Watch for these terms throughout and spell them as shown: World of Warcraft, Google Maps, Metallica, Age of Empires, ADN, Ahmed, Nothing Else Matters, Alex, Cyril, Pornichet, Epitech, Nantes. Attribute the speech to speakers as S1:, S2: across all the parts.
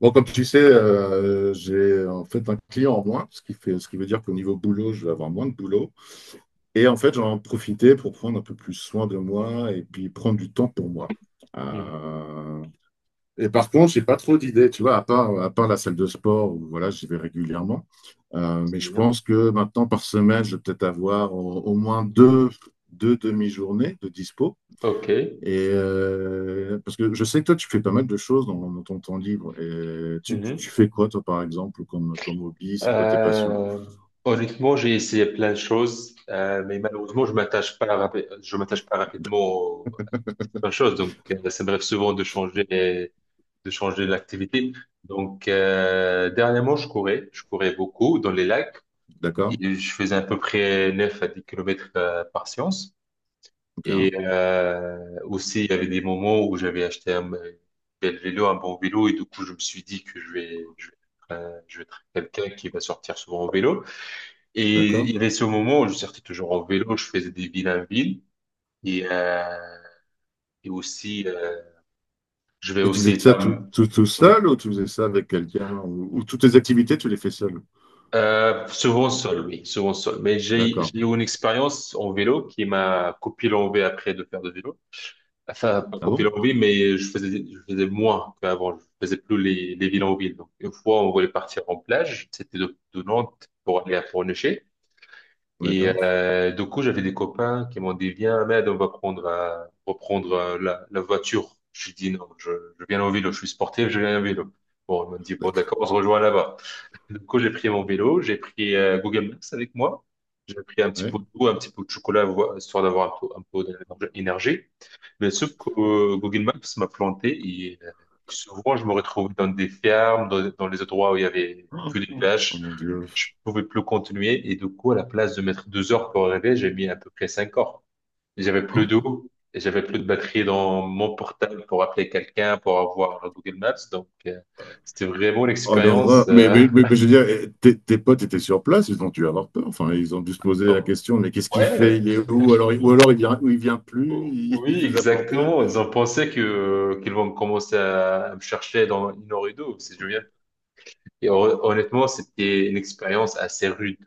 S1: Comme tu sais, j'ai en fait un client en moins, ce qui veut dire qu'au niveau boulot, je vais avoir moins de boulot. Et en fait, j'en profiter pour prendre un peu plus soin de moi et puis prendre du temps pour moi.
S2: Mhm.
S1: Euh, par contre, j'ai pas trop d'idées, tu vois, à part la salle de sport où voilà, j'y vais régulièrement. Mais
S2: C'est
S1: je
S2: bien.
S1: pense que maintenant, par semaine, je vais peut-être avoir au moins deux, deux demi-journées de dispo.
S2: Ok.
S1: Parce que je sais que toi, tu fais pas mal de choses dans ton temps libre. Et tu, tu-
S2: Mhm.
S1: tu fais quoi, toi, par exemple, comme hobby? C'est quoi tes passions?
S2: Euh, Honnêtement, j'ai essayé plein de choses, mais malheureusement, je m'attache pas rapidement à certaines choses. Donc, ça me rêve souvent de changer l'activité. Donc, dernièrement, je courais beaucoup dans les lacs
S1: D'accord?
S2: et je faisais à peu près 9 à 10 kilomètres par séance. Et
S1: Bien,
S2: aussi, il y avait des moments où j'avais acheté un bel vélo, un bon vélo, et du coup, je me suis dit que je vais être quelqu'un qui va sortir souvent en vélo. Et il y
S1: d'accord.
S2: avait ce moment où je sortais toujours en vélo, je faisais des villes en ville, et, euh, et aussi, je vais
S1: Mais tu faisais
S2: aussi
S1: ça
S2: pas me.
S1: tout
S2: Ouais.
S1: seul ou tu faisais ça avec quelqu'un? Ou toutes tes activités, tu les fais seul?
S2: Souvent seul, oui, souvent seul. Mais j'ai
S1: D'accord.
S2: j'ai eu une expérience en vélo qui m'a copié l'envie après de faire de vélo. Enfin, pas
S1: Ah
S2: qu'aux
S1: bon?
S2: villes en ville, mais je faisais moins qu'avant. Je faisais plus les villes en ville. Donc, une fois, on voulait partir en plage. C'était de Nantes pour aller à Pornichet. Et
S1: D'accord.
S2: du coup, j'avais des copains qui m'ont dit, viens, Ahmed, on va reprendre la voiture. Je dis, non, je viens en vélo. Je suis sportif, je viens en vélo. Bon, ils m'ont dit, bon,
S1: D'accord.
S2: d'accord, on se rejoint là-bas. Du coup, j'ai pris mon vélo, j'ai pris Google Maps avec moi. J'ai pris un petit pot
S1: Ouais.
S2: d'eau, un petit peu de chocolat, histoire d'avoir un peu d'énergie. Mais sauf que Google Maps m'a planté et souvent je me retrouvais dans des fermes, dans les endroits où il y avait que des
S1: Oh
S2: plages.
S1: mon Dieu.
S2: Je pouvais plus continuer et du coup, à la place de mettre 2 heures pour arriver, j'ai mis à peu près 5 heures. Et j'avais plus d'eau et j'avais plus de batterie dans mon portable pour appeler quelqu'un, pour avoir Google Maps. Donc, c'était vraiment
S1: Oh,
S2: l'expérience.
S1: l'horreur. Mais, mais, mais- mais je veux dire, eh, tes potes étaient sur place, ils ont dû avoir peur. Enfin, ils ont dû se poser la
S2: Oh,
S1: question, mais qu'est-ce qu'il fait?
S2: ouais.
S1: Il est où? Alors, ou alors il vient, ou il vient plus,
S2: Oh,
S1: il, il
S2: oui,
S1: nous a plantés.
S2: exactement. Ils ont pensé que qu'ils vont commencer à me chercher dans 1 heure et deux. Si je viens. Et honnêtement, c'était une expérience assez rude.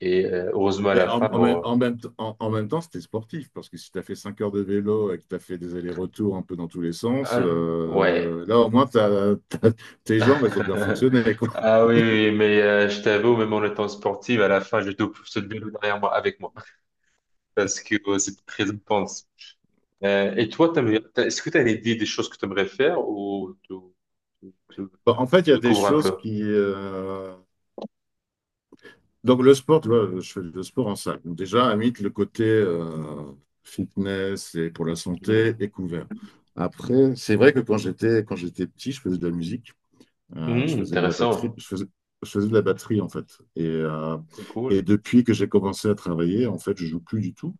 S2: Et heureusement, à
S1: Mais
S2: la fin, bon,
S1: en même temps, c'était sportif, parce que si tu as fait 5 heures de vélo et que tu as fait des allers-retours un peu dans tous les sens,
S2: ouais.
S1: là, au moins, tes jambes, elles ont bien fonctionné, quoi.
S2: Ah oui, oui, oui, mais je t'avoue, même en étant sportif, à la fin, je te pousse le vélo derrière moi, avec moi, parce que c'était très intense. Et toi, est-ce que tu as une idée des choses que tu aimerais faire ou
S1: Bon,
S2: tu
S1: en fait, il y a des
S2: découvres un
S1: choses
S2: peu?
S1: donc le sport, tu vois, je fais du sport en salle. Donc, déjà, à mythe, le côté fitness et pour la santé
S2: Mhm.
S1: est couvert. Après, c'est vrai que quand j'étais petit, je faisais de la musique, je
S2: Mhm,
S1: faisais de la batterie,
S2: intéressant,
S1: je faisais de la batterie en fait. Et, euh,
S2: c'est
S1: et
S2: cool.
S1: depuis que j'ai commencé à travailler, en fait, je joue plus du tout.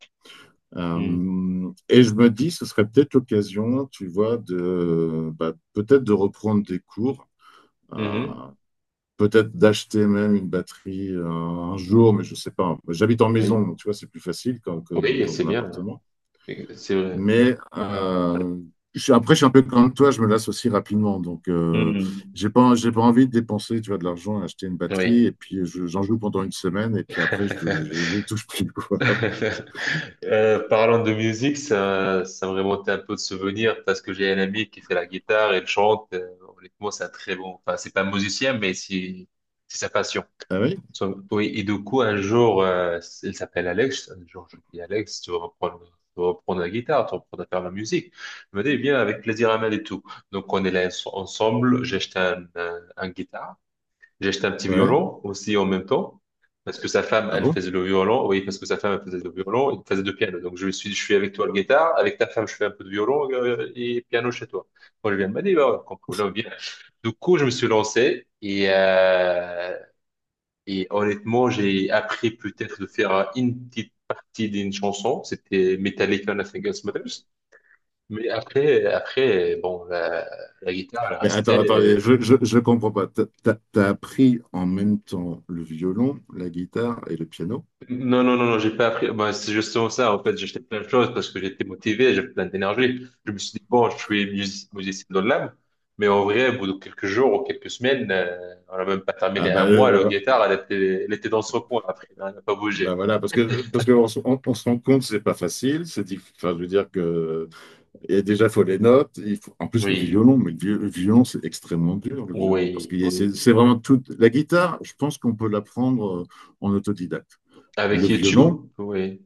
S2: Mhm.
S1: Et je me dis, ce serait peut-être l'occasion, tu vois, de bah, peut-être de reprendre des cours. Euh,
S2: Mhm.
S1: Peut-être d'acheter même une batterie un jour, mais je sais pas. J'habite en maison,
S2: Oui,
S1: donc tu vois, c'est plus facile que
S2: oui,
S1: dans
S2: c'est
S1: un
S2: bien,
S1: appartement.
S2: c'est vrai.
S1: Mais euh, Après, je suis un peu comme toi, je me lasse aussi rapidement.
S2: Mhm.
S1: J'ai pas envie de dépenser, tu vois, de l'argent à acheter une
S2: Oui.
S1: batterie. Et puis, j'en joue pendant une semaine. Et puis après, j'y touche plus, quoi.
S2: Parlant de musique, ça me remontait un peu de souvenirs parce que j'ai un ami qui fait la guitare, il chante. Honnêtement, c'est un très bon. Enfin, c'est pas un musicien, mais c'est sa passion.
S1: Ah oui?
S2: Oui, et du coup, un jour, il s'appelle Alex. Un jour, je dis Alex, tu veux reprendre la guitare, tu veux reprendre à faire la musique. Il me dit, bien, avec plaisir, à main et tout. Donc, on est là ensemble. J'ai acheté un guitare. J'ai acheté un petit
S1: Ouais.
S2: violon aussi en même temps, parce que sa femme,
S1: Ah
S2: elle
S1: bon?
S2: faisait le violon. Oui, parce que sa femme, elle faisait le violon, il faisait le piano. Donc, je me suis dit, je suis avec toi le guitare, avec ta femme, je fais un peu de violon et piano chez toi. Quand je viens, elle m'a dit, bah, aucun problème, viens. Du coup, je me suis lancé et honnêtement, j'ai appris peut-être de faire une petite partie d'une chanson. C'était Metallica, Nothing Else Matters. Mais après, après, bon, la guitare, elle
S1: Mais attends,
S2: restait.
S1: je comprends pas. T'as appris en même temps le violon, la guitare et le piano?
S2: Non, non, non, non, j'ai pas appris. Ben, c'est justement ça. En fait, j'ai acheté plein de choses parce que j'étais motivé, j'avais plein d'énergie. Je me suis dit, bon, je suis musicien dans l'âme, mais en vrai, au bout de quelques jours ou quelques semaines, on n'a même pas terminé
S1: Ah bah,
S2: un mois, la
S1: euh,
S2: guitare, elle était dans son coin après, hein, elle n'a pas
S1: Ben
S2: bougé.
S1: voilà, parce que parce qu'on se on se rend compte que c'est pas facile, enfin je veux dire que et déjà il faut les notes, il faut en plus le
S2: Oui,
S1: violon, mais le violon c'est extrêmement dur le violon parce
S2: oui,
S1: que
S2: oui.
S1: c'est vraiment toute la guitare, je pense qu'on peut l'apprendre en autodidacte. Le
S2: Avec
S1: violon,
S2: YouTube, oui,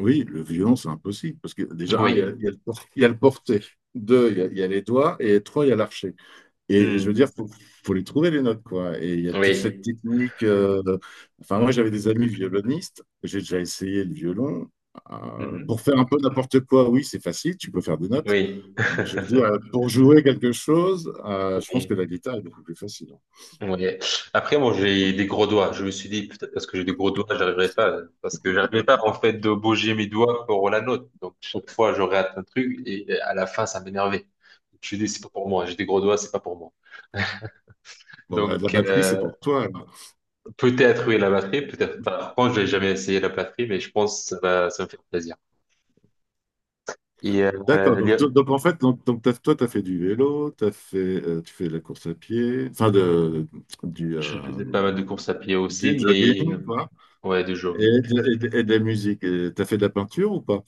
S1: oui, le violon c'est impossible parce que déjà un,
S2: oui.
S1: il y a il y a le porté, deux, il y a les doigts et trois, il y a l'archet. Et je veux
S2: Hmm.
S1: dire, faut les trouver les notes, quoi. Et il y a toute cette
S2: Oui.
S1: technique. Enfin, moi, j'avais des amis violonistes. J'ai déjà essayé le violon. Pour
S2: Mhm.
S1: faire un peu n'importe quoi, oui, c'est facile. Tu peux faire des notes.
S2: Oui.
S1: Mais je veux dire, pour jouer quelque chose, je pense
S2: Oui.
S1: que la guitare est beaucoup plus facile.
S2: Ouais. Après, moi, j'ai des gros doigts. Je me suis dit, peut-être parce que j'ai des gros doigts, j'arriverai pas. Parce que j'arrivais pas, en fait, de bouger mes doigts pour la note. Donc, chaque fois, je rate un truc et à la fin, ça m'énervait. Je me suis dit, c'est pas pour moi. J'ai des gros doigts, c'est pas pour moi.
S1: Bon, bah, la
S2: Donc,
S1: batterie, c'est pour toi alors.
S2: peut-être, oui, la batterie, peut-être pas. Par contre, j'ai jamais essayé la batterie, mais je pense que ça va, ça me fait plaisir. Et
S1: D'accord. Donc, to- donc, en fait, donc, Toi, tu as fait du vélo, tu fais de la course à pied, du, euh,
S2: je faisais pas mal de courses à pied
S1: du
S2: aussi, mais
S1: jogging, quoi.
S2: ouais, de jogging.
S1: Et et de la musique. Et t'as fait de la peinture ou pas?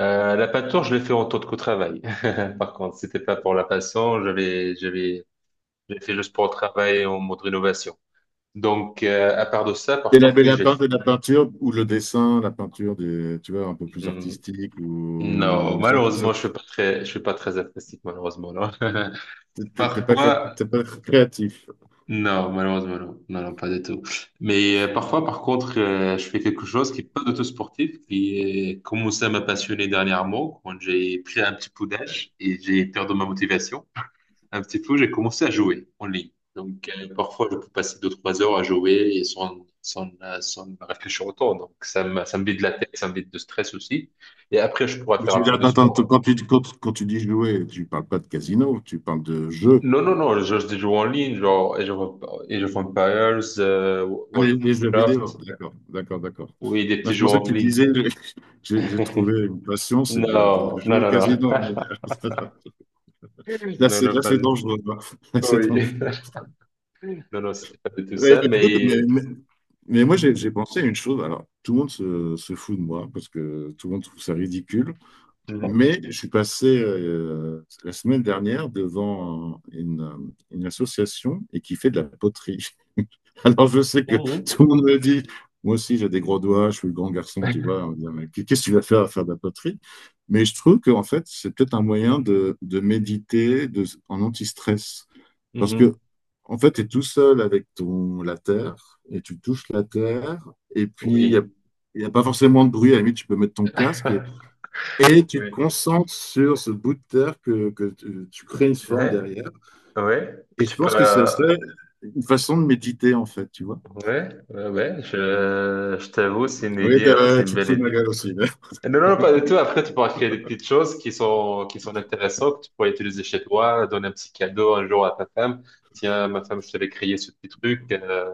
S2: La peinture, je l'ai fait en tant qu'au travail. Par contre, c'était pas pour la passion. J'ai fait le sport travail en mode rénovation. Donc, à part de ça, par
S1: Et la,
S2: contre,
S1: mais
S2: oui,
S1: la,
S2: j'ai.
S1: peint- de la peinture ou le dessin, tu vois, un peu plus
S2: Hmm,
S1: artistique
S2: non, malheureusement, je suis pas très artistique, malheureusement, non.
S1: t'es pas,
S2: Parfois,
S1: t'es pas créatif.
S2: non, malheureusement, non. Non, non, pas du tout. Mais parfois, par contre, je fais quelque chose qui est pas du tout sportif, qui est commencé à me passionner dernièrement, quand j'ai pris un petit coup d'âge et j'ai perdu ma motivation. Un petit peu, j'ai commencé à jouer en ligne. Donc, parfois, je peux passer 2, 3 heures à jouer et sans réfléchir autant. Donc, ça me vide la tête, ça me vide de stress aussi. Et après, je pourrais
S1: Mais
S2: faire
S1: tu veux
S2: un
S1: dire,
S2: peu de
S1: attends,
S2: sport.
S1: quand tu dis jouer, tu parles pas de casino, tu parles de jeu.
S2: Non, non, non, je joue en ligne, genre Age of Empires,
S1: Ah,
S2: World of
S1: Les jeux vidéo,
S2: Warcraft.
S1: d'accord.
S2: Oui, des
S1: Non,
S2: petits
S1: je
S2: jeux
S1: pensais que
S2: en
S1: tu
S2: ligne.
S1: disais, j'ai trouvé une passion, c'est de
S2: Non, non,
S1: jouer au
S2: non, non.
S1: casino.
S2: Non, non,
S1: Là,
S2: pas
S1: c'est
S2: du tout.
S1: dangereux, hein. Là, c'est
S2: Oui.
S1: dangereux.
S2: Non, non, c'était pas du tout
S1: Ouais,
S2: ça,
S1: bah, écoute,
S2: mais.
S1: mais moi,
S2: Mhm.
S1: j'ai pensé à une chose. Alors, tout le monde se fout de moi parce que tout le monde trouve ça ridicule. Mais je suis passé la semaine dernière devant une association et qui fait de la poterie. Alors je sais que
S2: Mhm.
S1: tout le monde me dit, moi aussi j'ai des gros doigts, je suis le grand garçon, tu vois, on me dit, mais qu'est-ce que tu vas faire à faire de la poterie? Mais je trouve qu'en fait c'est peut-être un moyen de méditer de, en anti-stress. Parce que
S2: Mhm.
S1: en fait tu es tout seul avec ton, la terre et tu touches la terre et puis
S2: Oui.
S1: il n'y a pas forcément de bruit. À la limite, tu peux mettre ton casque et tu te concentres sur ce bout de terre que tu crées une
S2: Oui.
S1: forme derrière.
S2: Ouais, et
S1: Et je
S2: tu peux.
S1: pense que ça serait une façon de méditer, en fait, tu vois.
S2: Ouais, ouais, ouais, je t'avoue, c'est une
S1: Oui,
S2: idée, hein, c'est une
S1: tu te
S2: belle
S1: fous de ma
S2: idée.
S1: gueule aussi, mais-
S2: Non, non, pas du tout. Après, tu pourras créer des petites choses qui sont intéressantes, que tu pourras utiliser chez toi, donner un petit cadeau un jour à ta femme. Tiens, ma femme, je t'avais créé ce petit truc,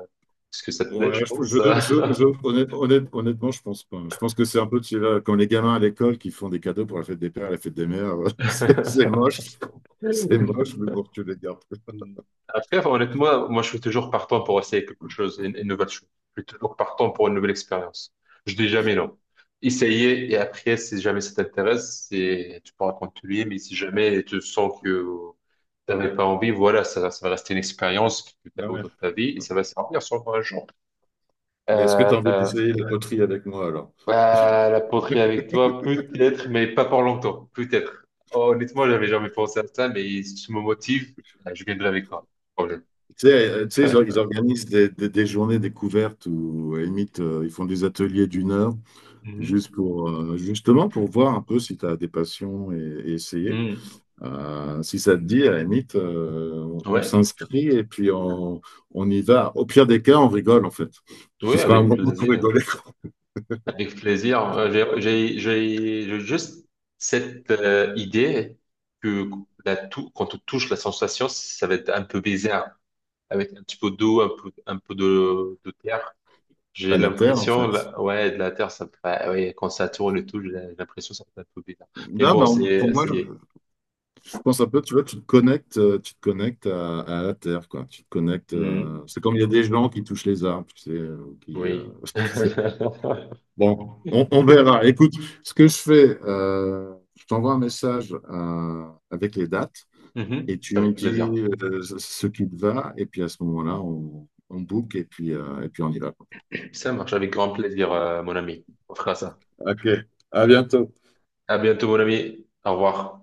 S2: parce que ça te plaît, je
S1: Ouais,
S2: pense.
S1: honnêtement, je pense pas. Je pense que c'est un peu tu sais, comme les gamins à l'école qui font des cadeaux pour la fête des pères, la fête des mères. C'est moche. C'est moche, mais bon, tu les gardes.
S2: Mm. Après, honnêtement, moi, je suis toujours partant pour essayer quelque chose, une nouvelle chose. Je suis toujours partant pour une nouvelle expérience. Je dis jamais non. Essayer et après, si jamais ça t'intéresse, c'est, tu pourras continuer, mais si jamais tu sens que tu n'avais pas envie, voilà, ça va rester une expérience que tu as
S1: Ah
S2: eue
S1: ouais.
S2: dans ta vie et ça va servir sur un jour.
S1: Mais est-ce que
S2: Euh,
S1: tu as envie
S2: euh,
S1: d'essayer la poterie avec moi alors?
S2: bah, la poterie avec toi, peut-être, mais pas pour longtemps, peut-être. Honnêtement, j'avais jamais pensé à ça, mais si tu me motives, je viendrai avec toi. Problème.
S1: Tu sais, ils organisent des journées découvertes où, à la limite, ils font des ateliers d'1 heure, juste pour, justement pour voir un peu si tu as des passions et essayer.
S2: Hmm.
S1: Si ça te dit, à la limite, on
S2: Ouais,
S1: s'inscrit et puis on y va. Au pire des cas, on rigole, en fait. Ce
S2: ouais,
S1: sera un
S2: avec
S1: moment pour
S2: plaisir.
S1: rigoler.
S2: Avec plaisir. J'ai juste cette idée que la quand on touche la sensation, ça va être un peu bizarre, avec un petit peu d'eau, un peu de terre. J'ai
S1: Pas la Terre, en
S2: l'impression,
S1: fait.
S2: là, ouais, de la terre, ça me fait, ah ouais, quand ça tourne et tout, j'ai l'impression que ça fait un peu bizarre. Mais
S1: Non, mais
S2: bon,
S1: on- pour
S2: c'est,
S1: moi,
S2: c'est,
S1: je pense un peu, tu vois, tu te connectes à la Terre, quoi. Tu te connectes.
S2: Hmm.
S1: C'est comme il y a des gens qui touchent les arbres, tu sais,
S2: Oui.
S1: Bon, on verra. Écoute, ce que je fais, je t'envoie un message avec les dates et
S2: Mhm.
S1: tu me
S2: Avec plaisir.
S1: dis ce qui te va. Et puis à ce moment-là, on book et puis, on y va.
S2: Ça marche avec grand plaisir, mon ami. On fera ça.
S1: Ok, à bientôt.
S2: À bientôt, mon ami. Au revoir.